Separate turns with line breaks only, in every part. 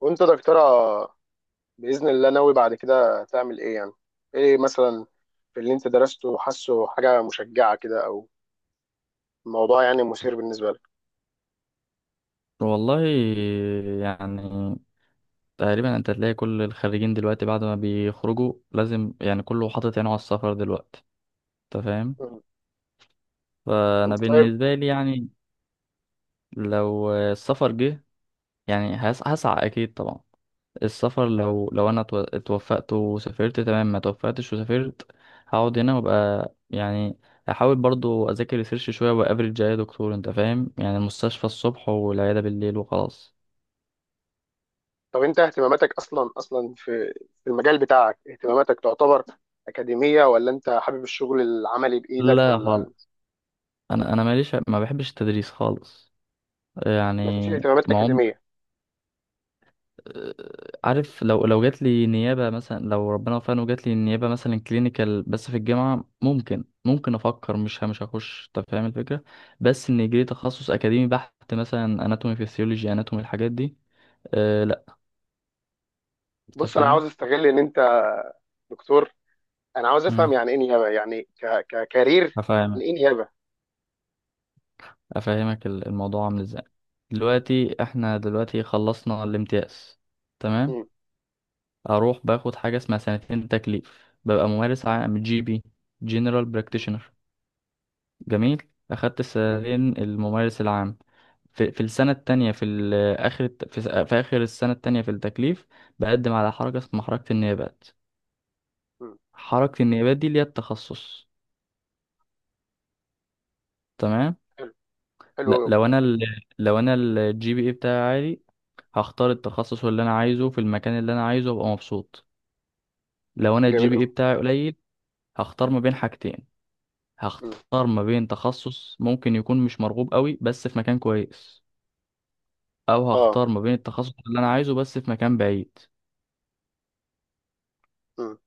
وانت دكتورة؟ بإذن الله ناوي بعد كده تعمل ايه يعني؟ ايه مثلا؟ في اللي انت درسته حاسه حاجة مشجعة كده او موضوع يعني مثير بالنسبة لك؟
والله، يعني تقريبا انت تلاقي كل الخريجين دلوقتي بعد ما بيخرجوا لازم، كله حاطط عينه على السفر دلوقتي. انت فاهم؟
مم.
فانا
انت طيب؟
بالنسبه لي يعني لو السفر جه، هسعى اكيد طبعا. السفر، لو انا اتوفقت وسافرت، تمام. ما توفقتش وسافرت، هقعد هنا وابقى، يعني، احاول برضو اذاكر ريسيرش شويه وافرج. يا دكتور، انت فاهم، يعني المستشفى الصبح والعياده بالليل وخلاص.
طب انت اهتماماتك اصلا اصلا في المجال بتاعك، اهتماماتك تعتبر أكاديمية، ولا انت حابب الشغل العملي بإيدك،
لا
ولا
خالص. انا ماليش، ما بحبش التدريس خالص،
مفيش
يعني
اهتمامات
ما عم...
أكاديمية؟
عارف، لو جات لي نيابه مثلا، لو ربنا وفقني وجات لي نيابه مثلا كلينيكال بس في الجامعه، ممكن افكر. مش هخش، انت فاهم الفكره. بس ان يجري تخصص اكاديمي بحت مثلا اناتومي فيسيولوجي اناتومي الحاجات دي، أه لا. انت
بص، انا عاوز
فاهم.
استغل ان انت دكتور، انا عاوز
امم.
افهم يعني ايه نيابة، يعني ككارير. يعني
هفهمك.
ايه نيابة؟
افهمك الموضوع عامل ازاي.
ماشي.
دلوقتي احنا دلوقتي خلصنا الامتياز، تمام.
مم.
اروح باخد حاجه اسمها سنتين تكليف، ببقى ممارس عام، جي بي، جنرال
مم.
براكتيشنر. جميل. اخدت
جميل.
السنتين الممارس العام. في السنه التانية في اخر في اخر السنه التانية في التكليف، بقدم على حركه اسمها حركه النيابات.
مم.
حركه النيابات دي ليها التخصص، تمام.
حلو. حلو
لا
أوي.
لو انا ال... لو انا الجي بي اي بتاعي عالي، هختار التخصص اللي انا عايزه في المكان اللي انا عايزه وابقى مبسوط. لو انا الجي
جميل
بي
قوي.
اي بتاعي قليل، هختار ما بين حاجتين:
امم.
هختار ما بين تخصص ممكن يكون مش مرغوب قوي بس في مكان كويس، او
اه.
هختار ما بين التخصص اللي انا عايزه بس في مكان بعيد.
امم.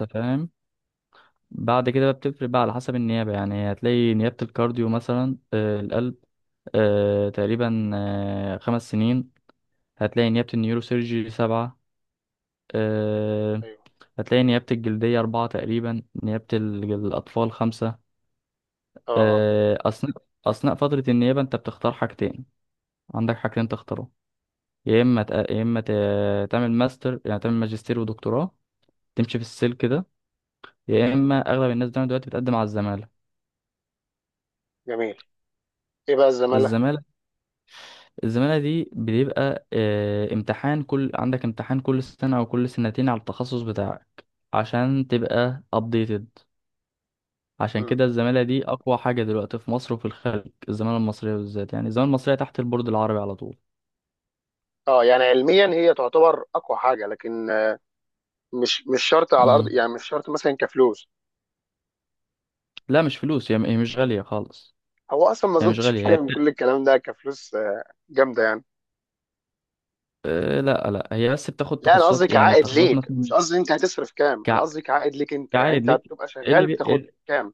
انت فاهم. بعد كده بقى بتفرق بقى على حسب النيابة. يعني هتلاقي نيابة الكارديو مثلا، آه، القلب، آه، تقريبا آه خمس سنين. هتلاقي نيابة النيوروسيرجي سبعة، آه.
ايوه.
هتلاقي نيابة الجلدية أربعة تقريبا، نيابة الأطفال خمسة،
اه. اه.
آه. أثناء فترة النيابة أنت بتختار حاجتين. عندك حاجتين تختارهم: يا اما تعمل ماستر، يعني تعمل ماجستير ودكتوراه، تمشي في السلك ده، يا اما اغلب الناس بتعمل دلوقتي بتقدم على الزماله.
جميل. ايه بقى الزمالة؟
الزماله الزماله دي بيبقى، آه، امتحان. عندك امتحان كل سنه او كل سنتين على التخصص بتاعك عشان تبقى updated. عشان
امم.
كده الزماله دي اقوى حاجه دلوقتي في مصر وفي الخارج. الزماله المصريه بالذات، يعني الزماله المصريه تحت البورد العربي على طول.
اه. يعني علميا هي تعتبر اقوى حاجة، لكن مش شرط على الارض،
مم.
يعني مش شرط مثلا كفلوس.
لا مش فلوس، هي مش غاليه خالص.
هو اصلا ما
هي مش
اظنش في
غاليه،
حاجة من كل الكلام ده كفلوس، جامدة يعني.
آه، لا لا، هي بس بتاخد
لا، انا قصدي
تخصصات، يعني
كعائد
التخصصات
ليك، مش
مثلا.
قصدي انت هتصرف كام، انا
كع...
قصدي كعائد ليك انت، يعني
كعائد
انت
ليك؟
هتبقى شغال بتاخد
إيه
كام؟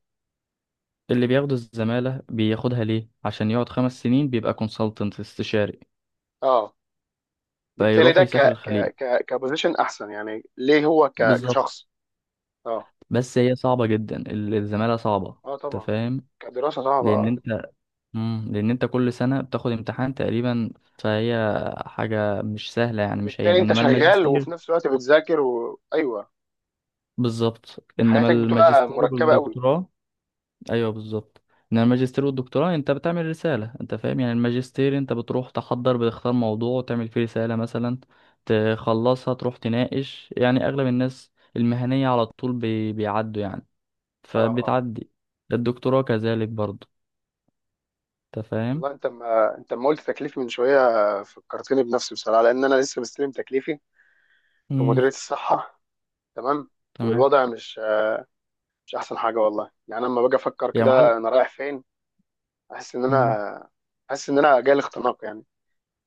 اللي بياخد الزمالة بياخدها ليه؟ عشان يقعد خمس سنين بيبقى كونسلتنت، استشاري،
اه. بالتالي
فيروح
ده ك
يسافر الخليج.
ك ك كبوزيشن احسن يعني ليه، هو
بالظبط.
كشخص؟ اه.
بس هي صعبة جدا، الزمالة صعبة.
اه،
انت
طبعا.
فاهم؟
كدراسة صعبة
لأن
آه.
انت، مم، لأن انت كل سنة بتاخد امتحان تقريبا، فهي حاجة مش سهلة، يعني مش هين.
بالتالي انت
انما
شغال وفي
الماجستير،
نفس الوقت بتذاكر، وايوه،
بالظبط، انما
حياتك بتبقى
الماجستير
مركبه قوي.
والدكتوراه، ايوه بالظبط، ان الماجستير والدكتوراه انت بتعمل رساله. انت فاهم، يعني الماجستير انت بتروح تحضر، بتختار موضوع وتعمل فيه رساله مثلا، تخلصها، تروح تناقش. يعني اغلب الناس المهنيه على طول بيعدوا يعني،
اه. اه.
فبتعدي. الدكتوراه كذلك برضه. انت فاهم.
والله انت، ما انت ما قلت تكليف من شويه، فكرتني بنفسي بصراحه، لان انا لسه مستلم تكليفي في
امم.
مديريه الصحه. تمام.
تمام.
والوضع مش احسن حاجه والله. يعني انا لما باجي افكر
يا
كده
معلم.
انا رايح فين، احس ان
امم.
انا احس ان انا جاي الاختناق يعني.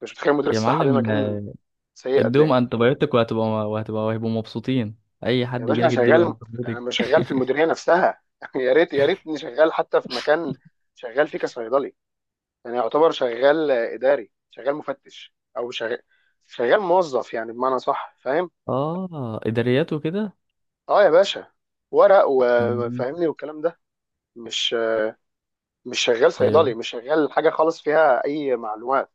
مش متخيل مديريه
يا
الصحه دي
معلم،
مكان
آه،
سيء قد
اديهم
ايه.
انتبيوتك وهتبقى وهيبقوا مبسوطين. اي
يا
حد
باشا، انا
يجيلك اديله
شغال، انا
انتبيوتك.
مش شغال في المديريه نفسها يا ريتني شغال حتى في مكان شغال فيه كصيدلي، يعني يعتبر شغال اداري، شغال مفتش، او شغال موظف، يعني بمعنى صح، فاهم؟
اه، اداريات وكده.
اه يا باشا، ورق
مم.
وفاهمني والكلام ده. مش مش شغال صيدلي،
ايوه،
مش شغال حاجه خالص فيها اي معلومات،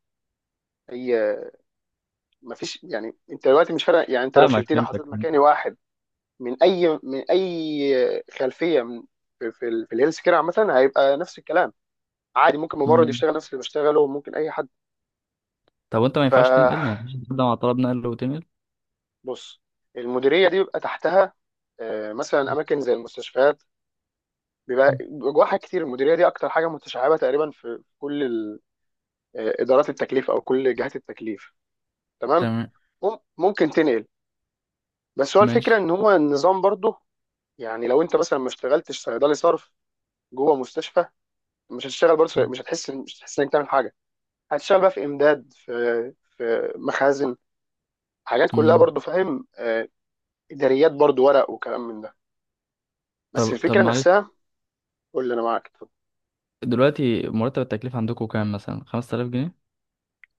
اي مفيش. يعني انت دلوقتي مش فارق، يعني انت لو
فاهمك.
شلتني وحطيت
فهمتك
مكاني واحد من اي خلفيه، من في الهيلث كير عامه هيبقى نفس الكلام، عادي ممكن ممرض
مم.
يشتغل نفس اللي بشتغله، وممكن اي حد.
طب وانت ما
ف
ينفعش تنقل؟ ما ينفعش تبدأ مع طلب نقل وتنقل؟
بص، المديريه دي بيبقى تحتها مثلا اماكن زي المستشفيات، بيبقى
مم.
جواها حاجات كتير، المديريه دي اكتر حاجه متشعبه تقريبا في كل ادارات التكليف او كل جهات التكليف. تمام.
تمام.
ممكن تنقل، بس هو الفكره
ماشي.
ان هو النظام برضه، يعني لو انت مثلا ما اشتغلتش صيدلي صرف جوه مستشفى، مش هتشتغل برضه، مش هتحس انك تعمل حاجه، هتشتغل بقى في امداد، في مخازن، حاجات كلها
مم.
برضه، فاهم؟ اداريات برضه، ورق وكلام من ده، بس
طب
الفكره
معلش،
نفسها. قول لي، انا معاك.
دلوقتي مرتب التكليف عندكم كام؟ مثلا 5000 جنيه؟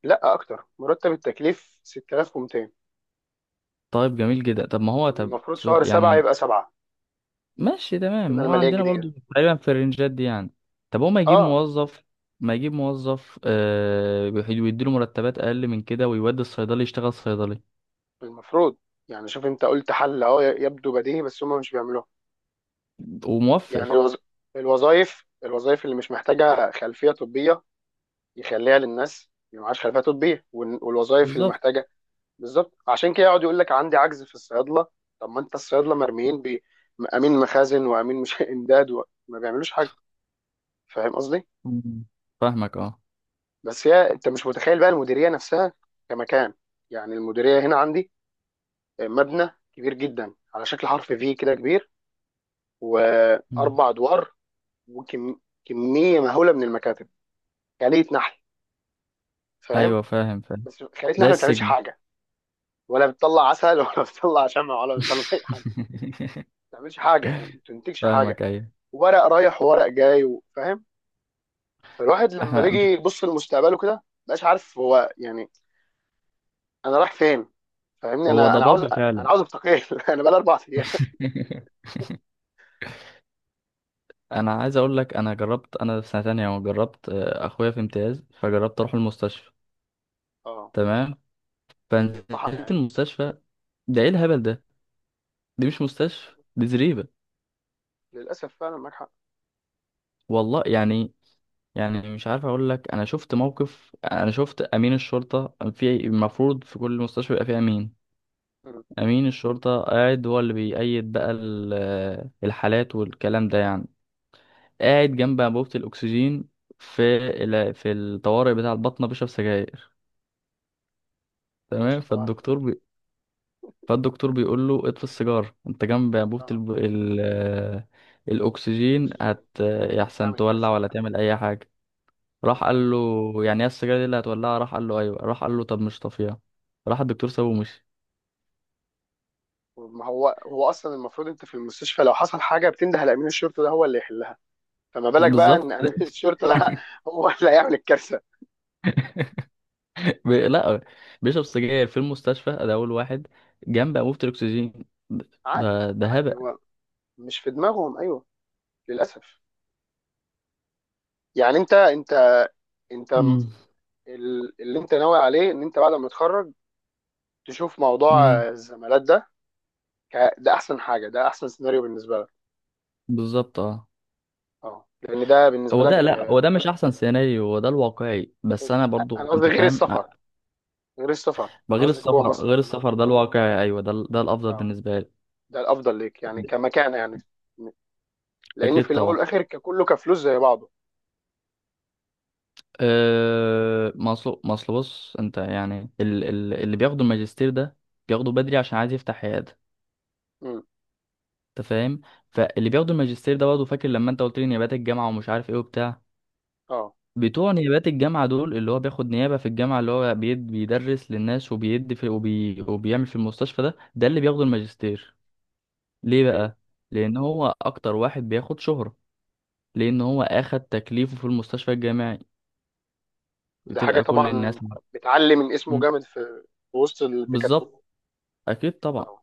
لا، اكتر، مرتب التكليف 6200،
طيب جميل جدا. طب ما هو، طب
والمفروض شهر
سؤال
سبعة
يعني،
يبقى سبعة،
ماشي، تمام.
السنة
هو
المالية
عندنا
الجديدة.
برضو تقريبا في الرنجات دي يعني. طب هو ما يجيب
اه،
موظف؟ ما يجيب موظف آه ويديله مرتبات اقل من كده، ويودي الصيدلي يشتغل صيدلي،
المفروض. يعني شوف، انت قلت حل اهو يبدو بديهي، بس هم مش بيعملوها. يعني
وموفر.
الوظائف اللي مش محتاجة خلفية طبية يخليها للناس اللي معهاش خلفية طبية، والوظائف اللي
بالظبط.
محتاجة، بالظبط، عشان كده يقعد يقول لك عندي عجز في الصيادلة. طب ما انت الصيادلة مرميين بأمين مخازن وأمين مش إمداد، وما بيعملوش حاجة. فاهم قصدي؟
مم. فاهمك، اه.
بس هي، انت مش متخيل بقى المديريه نفسها كمكان، يعني المديريه هنا عندي مبنى كبير جدا على شكل حرف في كده، كبير،
مم.
واربع ادوار، وكميه مهوله من المكاتب، خليه نحل، فاهم؟
ايوه، فاهم.
بس خليه نحل
زي
ما بتعملش
السجن.
حاجه، ولا بتطلع عسل ولا بتطلع شمع، ولا بتطلع اي حاجه، ما بتعملش حاجه، يعني ما بتنتجش حاجه،
فاهمك، ايوه.
ورق رايح وورق جاي، فاهم؟ فالواحد لما
احنا
بيجي
مش،
يبص لمستقبله كده مبقاش عارف هو يعني انا رايح فين، فاهمني؟
هو
انا انا عاوز،
ضبابي
انا
فعلا.
عاوز استقيل انا بقى اربع.
انا عايز اقول لك، انا جربت، انا في سنه تانية جربت، آه، اخويا في امتياز، فجربت اروح المستشفى،
اه،
تمام.
يتطحن
فنزلت
يعني،
المستشفى. ده ايه الهبل ده؟ دي مش مستشفى، دي زريبه،
للاسف فعلا معاك حق.
والله. يعني، يعني مش عارف اقول لك، انا شفت موقف، انا شفت امين الشرطه. في المفروض في كل مستشفى يبقى فيه امين.
مم.
امين الشرطه قاعد هو اللي بيأيد بقى آه، الحالات والكلام ده، يعني قاعد جنب انبوبة الأكسجين في في الطوارئ بتاع البطنة، بيشرب سجاير.
يا
تمام.
باشا، صباح الفل.
فالدكتور بيقول له: اطفي السيجارة، أنت جنب أنبوبة
اه،
آه، الأكسجين،
الاكسجين
هت،
ممكن
يحسن
تعمل
تولع
كارثه.
ولا تعمل أي حاجة. راح
اه،
قال له: يعني ايه السجارة دي اللي هتولعها؟ راح قال له: أيوه. راح قال له: طب مش طافيها. راح الدكتور سابه ومشي.
ما هو هو اصلا المفروض، انت في المستشفى لو حصل حاجه بتنده لامين الشرطه ده هو اللي يحلها، فما بالك بقى ان
بالظبط.
امين الشرطه ده هو اللي هيعمل الكارثه.
لا، بيشرب سجاير في المستشفى، ده أول واحد، جنب أنبوبة الأكسجين.
عادي،
ده
عادي،
هبل.
هو مش في دماغهم، ايوه، للاسف. يعني انت انت
امم.
اللي انت ناوي عليه ان انت بعد ما تتخرج تشوف موضوع
امم.
الزمالات ده، ده احسن حاجه، ده احسن سيناريو بالنسبه لك.
بالظبط، اه.
اه، لان ده بالنسبه
هو ده
لك.
لا، هو ده مش احسن سيناريو، هو ده الواقعي، بس انا
انا
برضو
قصدي
انت
غير
فاهم،
السفر، غير السفر
ما
انا
غير
قصدي جوه
السفر،
مصر.
غير السفر ده الواقعي، ايوه، ده ده الافضل
اه،
بالنسبه لي.
ده الافضل ليك يعني كمكانه يعني، لان
اكيد
في الاول
طبعا.
والاخر ككله كفلوس زي بعضه.
أه، ما اصل ما أصل بص انت، يعني اللي بياخدوا الماجستير ده بياخده بدري عشان عايز يفتح عياده.
امم.
انت فاهم. فاللي بياخدوا الماجستير ده برضه، فاكر لما انت قلت لي نيابات الجامعه ومش عارف ايه وبتاع؟
اه.
بتوع نيابات الجامعة دول، اللي هو بياخد نيابة في الجامعة، اللي هو بيدرس للناس وبيدي في وبيعمل في المستشفى، ده ده اللي بياخدوا الماجستير. ليه
ايوه.
بقى؟ لان هو اكتر واحد بياخد شهرة، لان هو اخد تكليفه في المستشفى الجامعي،
ده حاجه
بتبقى كل الناس
طبعا بتعلي من اسمه
مم.
جامد في وسط الدكاتره.
بالظبط. اكيد طبعا.
اه.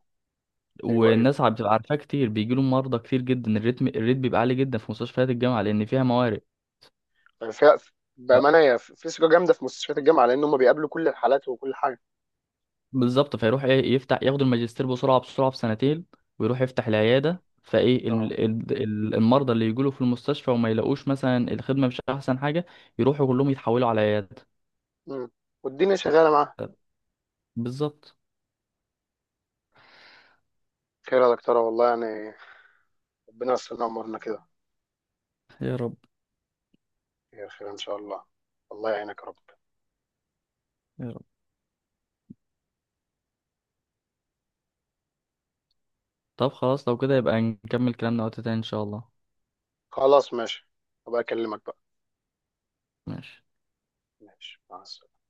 ايوه. ايوه.
والناس عم بتبقى عارفاه كتير، بيجيله مرضى كتير جدا. الريت بيبقى عالي جدا في مستشفيات الجامعة لان فيها موارد.
مم. فيها
ف-
بامانه، هي في ثقه جامده في مستشفيات الجامعه لان هم بيقابلوا كل الحالات وكل حاجه.
بالظبط. فيروح ايه، يفتح، ياخد الماجستير بسرعة، بسرعة في سنتين، ويروح يفتح العيادة. فايه
اه.
المرضى اللي يجيله في المستشفى وما يلاقوش مثلا الخدمة مش احسن حاجة، يروحوا كلهم يتحولوا على عيادة.
امم. والدنيا شغاله معاها.
بالظبط.
خير يا دكتوره والله، يعني ربنا يستر امورنا كده.
يا رب.
خير، خير ان شاء الله. الله يعينك يا رب.
يا رب. طب خلاص، لو كده يبقى نكمل كلامنا وقت تاني ان شاء الله.
خلاص ماشي، هبقى اكلمك بقى.
ماشي.
ماشي، مع السلامة.